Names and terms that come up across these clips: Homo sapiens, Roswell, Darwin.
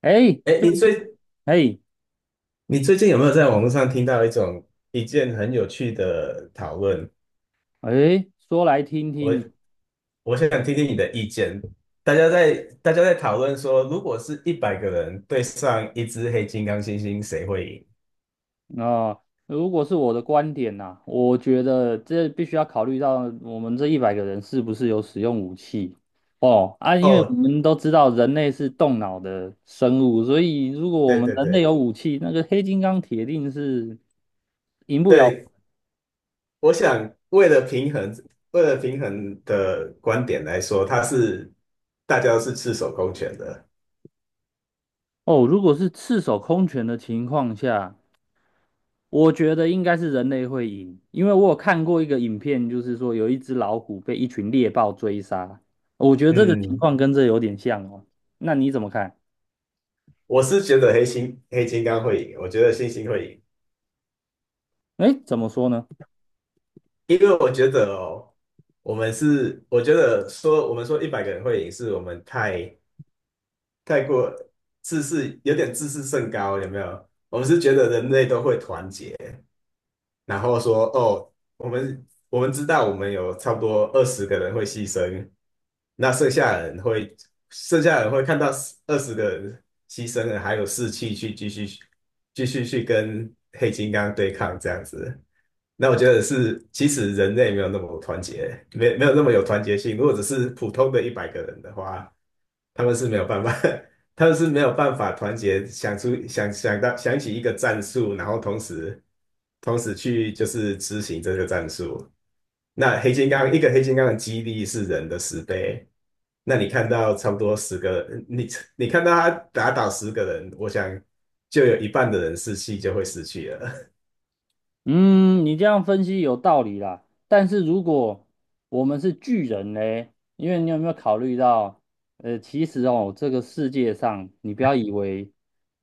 哎，哎，最你近。最哎，你最近有没有在网络上听到一件很有趣的讨论？哎，说来听我听。我想听听你的意见。大家在大家在讨论说，如果是一百个人对上一只黑金刚猩猩，谁会赢？啊，如果是我的观点呐，我觉得这必须要考虑到我们这一百个人是不是有使用武器。哦啊，因为我哦，们都知道人类是动脑的生物，所以如果我对们对人类对有武器，那个黑金刚铁定是赢不了。对，我想为了平衡的观点来说，大家都是赤手空拳的。哦。如果是赤手空拳的情况下，我觉得应该是人类会赢，因为我有看过一个影片，就是说有一只老虎被一群猎豹追杀，我觉得这个情嗯，况跟这有点像哦。那你怎么看？我是觉得黑金刚会赢，我觉得猩猩会赢。哎，怎么说呢？因为我觉得哦，我们是，我觉得说我们说一百个人会赢，是我们太过自视，有点自视甚高，有没有？我们是觉得人类都会团结，然后说哦，我们知道我们有差不多二十个人会牺牲，那剩下人会看到二十个人牺牲了，还有士气去继续去跟黑金刚对抗这样子。那我觉得是，其实人类没有那么团结，没有那么有团结性。如果只是普通的一百个人的话，他们是没有办法 他们是没有办法团结，想出想想到想起一个战术，然后同时去就是执行这个战术。那黑金刚一个黑金刚的肌力是人的10倍，那你看到差不多十个，你看到他打倒十个人，我想就有一半的人士气就会失去了。嗯，你这样分析有道理啦。但是如果我们是巨人呢？因为你有没有考虑到，其实哦，这个世界上，你不要以为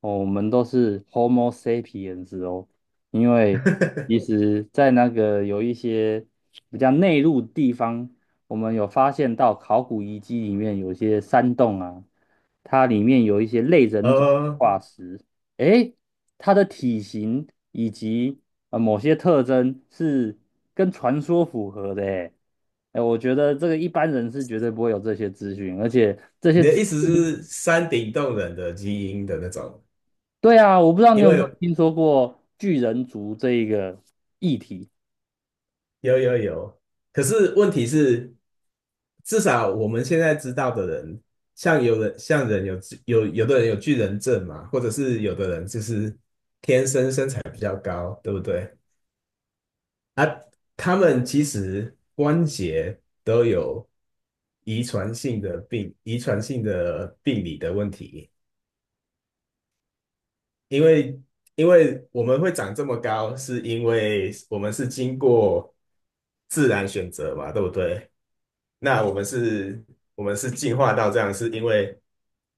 哦，我们都是 Homo sapiens 哦，因为其 实在那个有一些比较内陆地方，我们有发现到考古遗迹里面有一些山洞啊，它里面有一些类人种哦，化石，诶。它的体型以及某些特征是跟传说符合的诶。哎，我觉得这个一般人是绝对不会有这些资讯，而且这你些的资，意思是山顶洞人的基因的那种？对啊，我不知道你因有没有为听说过巨人族这一个。有有有，可是问题是。至少我们现在知道的人，像有人像人有有有的人有巨人症嘛，或者是有的人就是天生身材比较高，对不对？啊，他们其实关节都有遗传性的病，遗传性的病理的问题。因为因为我们会长这么高，是因为我们是经过自然选择嘛，对不对？那我们是，我们是进化到这样，是因为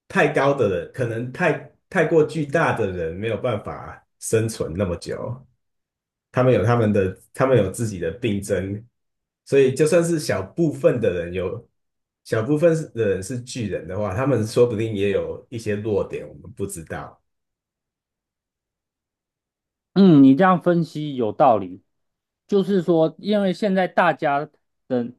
太高的人，可能太过巨大的人没有办法生存那么久，他们有他们的，他们有自己的病症，所以就算是小部分的人有，小部分的人是巨人的话，他们说不定也有一些弱点，我们不知道。嗯，你这样分析有道理，就是说，因为现在大家的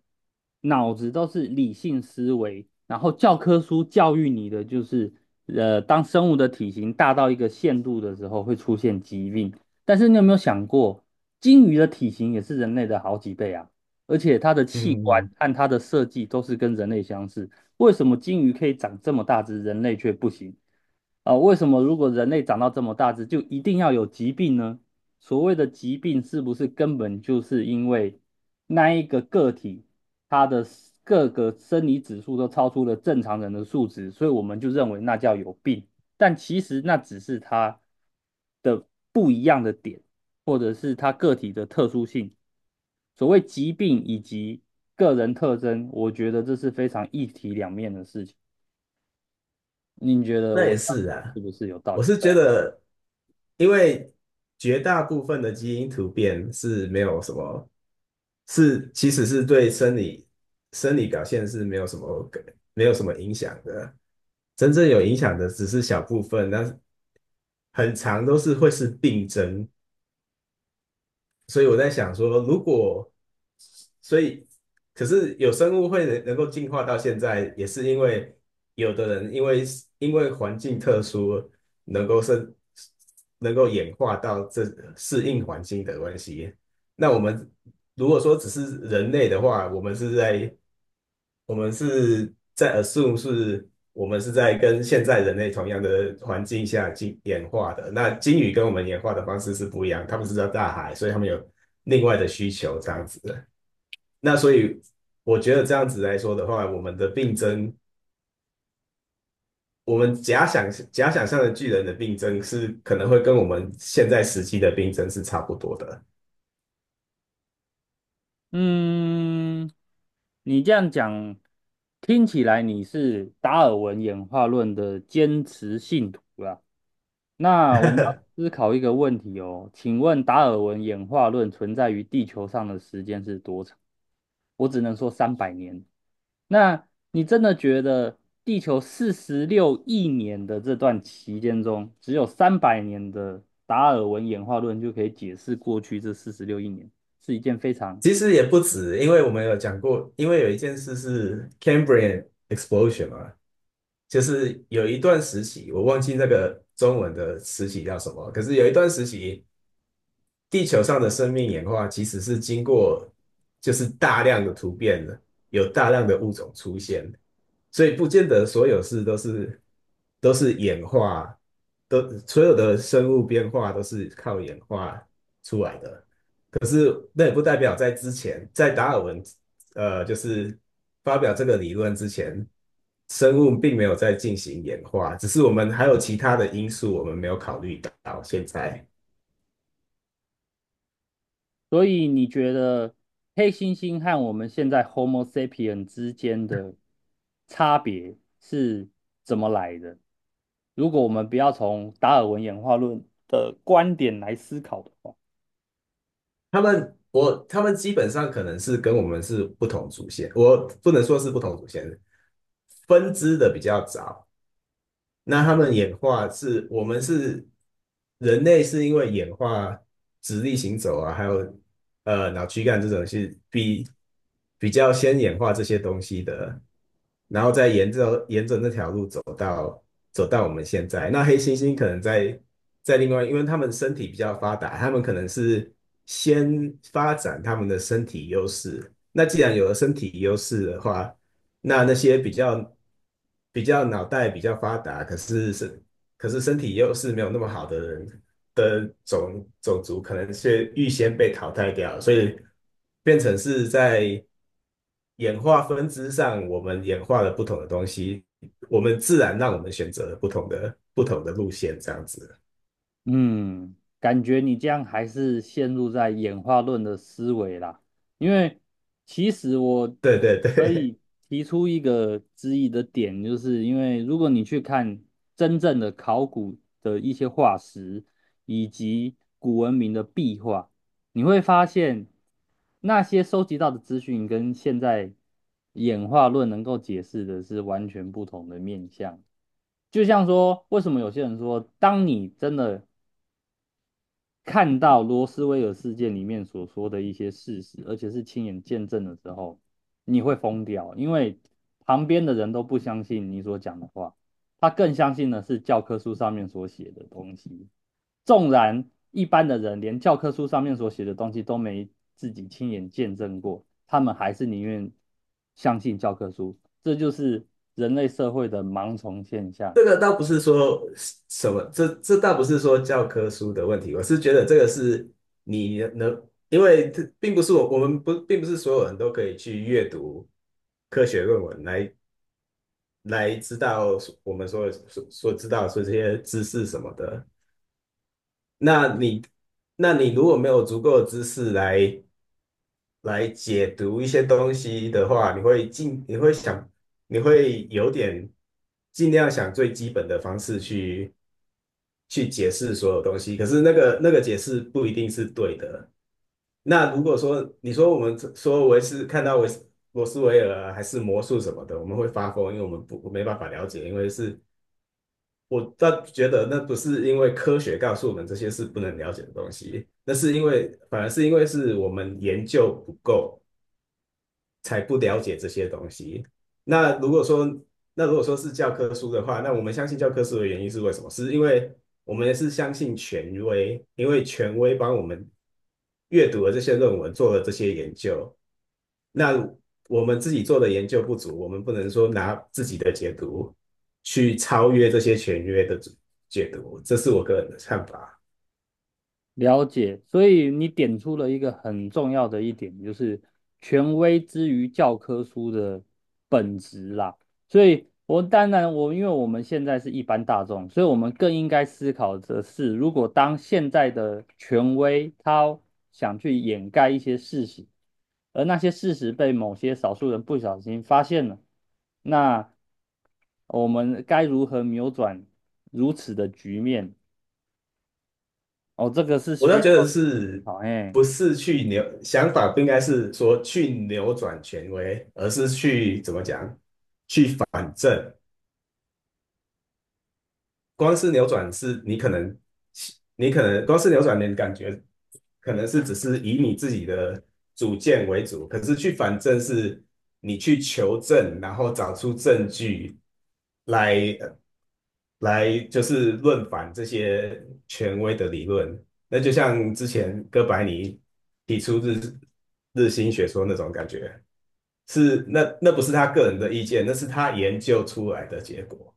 脑子都是理性思维，然后教科书教育你的就是，当生物的体型大到一个限度的时候会出现疾病。但是你有没有想过，鲸鱼的体型也是人类的好几倍啊，而且它的器官嗯，按它的设计都是跟人类相似，为什么鲸鱼可以长这么大只，人类却不行？啊，为什么如果人类长到这么大只，就一定要有疾病呢？所谓的疾病，是不是根本就是因为那一个个体它的各个生理指数都超出了正常人的数值，所以我们就认为那叫有病？但其实那只是它的不一样的点，或者是它个体的特殊性。所谓疾病以及个人特征，我觉得这是非常一体两面的事情。您觉得那我也这样是讲是啊，不是有道我理？是对觉啊。得，因为绝大部分的基因突变是没有什么，是其实是对生理表现是没有什么影响的，真正有影响的只是小部分，但是很长都是会是病症，所以我在想说，如果所以，可是有生物会能够进化到现在，也是因为有的人因为环境特殊，能够是能够演化到这适应环境的关系。那我们如果说只是人类的话，我们是在 assume 是我们是在跟现在人类同样的环境下进演化的。那鲸鱼跟我们演化的方式是不一样，它们是在大海，所以它们有另外的需求这样子的。那所以我觉得这样子来说的话，我们的病症，我们假想假想象的巨人的病症是可能会跟我们现在时期的病症是差不多的。嗯，你这样讲听起来你是达尔文演化论的坚持信徒啦。那我们要 思考一个问题哦，请问达尔文演化论存在于地球上的时间是多长？我只能说三百年。那你真的觉得地球四十六亿年的这段期间中，只有三百年的达尔文演化论就可以解释过去这四十六亿年，是一件非常。其实也不止，因为我们有讲过，因为有一件事是 Cambrian explosion 嘛。就是有一段时期，我忘记那个中文的时期叫什么，可是有一段时期，地球上的生命演化其实是经过就是大量的突变的，有大量的物种出现，所以不见得所有事都是演化，都所有的生物变化都是靠演化出来的。那也不代表在之前，在达尔文就是发表这个理论之前，生物并没有在进行演化，只是我们还有其他的因素我们没有考虑到。现在所以你觉得黑猩猩和我们现在 Homo sapien 之间的差别是怎么来的？如果我们不要从达尔文演化论的观点来思考的话。他们基本上可能是跟我们是不同祖先，我不能说是不同祖先，分支的比较早，那他们演化是，我们是人类是因为演化直立行走啊，还有脑躯干这种是比较先演化这些东西的，然后再沿着那条路走。走到我们现在。那黑猩猩可能在另外，因为他们身体比较发达，他们可能是先发展他们的身体优势。那既然有了身体优势的话，那些比较脑袋比较发达，可是身体优势没有那么好的人，的种族可能是预先被淘汰掉了，所以变成是在演化分支上，我们演化了不同的东西，我们自然让我们选择了不同的路线，这样子。嗯，感觉你这样还是陷入在演化论的思维啦。因为其实我对对可对，以提出一个质疑的点，就是因为如果你去看真正的考古的一些化石，以及古文明的壁画，你会发现那些收集到的资讯跟现在演化论能够解释的是完全不同的面向。就像说，为什么有些人说，当你真的看到罗斯威尔事件里面所说的一些事实，而且是亲眼见证了之后，你会疯掉，因为旁边的人都不相信你所讲的话，他更相信的是教科书上面所写的东西。纵然一般的人连教科书上面所写的东西都没自己亲眼见证过，他们还是宁愿相信教科书。这就是人类社会的盲从现 象。这个倒不是说什么，这倒不是说教科书的问题，我是觉得这个是你能，因为这并不是我我们不并不是所有人都可以去阅读科学论文来知道我们所知道所这些知识什么的。那你那你如果没有足够的知识来解读一些东西的话，你会有点尽量想最基本的方式去解释所有东西，可是那个解释不一定是对的。那如果说你说我们说维斯看到罗斯维尔啊还是魔术什么的，我们会发疯，因为我们不没办法了解，因为是我倒觉得那不是因为科学告诉我们这些是不能了解的东西，那是因为反而是因为是我们研究不够，才不了解这些东西。那如果说那如果说是教科书的话，那我们相信教科书的原因是为什么？是因为我们是相信权威，因为权威帮我们阅读了这些论文，做了这些研究，那我们自己做的研究不足，我们不能说拿自己的解读去超越这些权威的解读，这是我个人的看法。了解，所以你点出了一个很重要的一点，就是权威之于教科书的本质啦。所以我当然，我因为我们现在是一般大众，所以我们更应该思考的是，如果当现在的权威他想去掩盖一些事实，而那些事实被某些少数人不小心发现了，那我们该如何扭转如此的局面？哦，这个是我需倒要。觉得是好，哎，不是去扭想法不应该是说去扭转权威，而是去怎么讲光是扭转是你可能，你可能光是扭转，你的感觉可能是只是以你自己的主见为主，可是去反正是你去求证，然后找出证据来呃来就是论反这些权威的理论。那就像之前哥白尼提出日心学说那种感觉，是那不是他个人的意见，那是他研究出来的结果。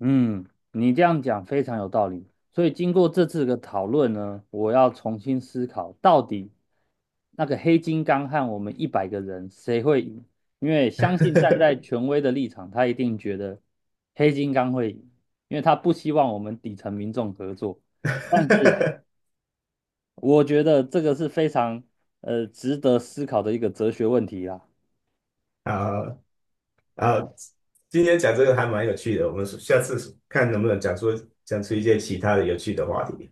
嗯，你这样讲非常有道理。所以经过这次的讨论呢，我要重新思考，到底那个黑金刚和我们一百个人谁会赢？因为相信站在权威的立场，他一定觉得黑金刚会赢，因为他不希望我们底层民众合作。但是 我觉得这个是非常值得思考的一个哲学问题啦。好，好，今天讲这个还蛮有趣的，我们下次看能不能讲出一些其他的有趣的话题。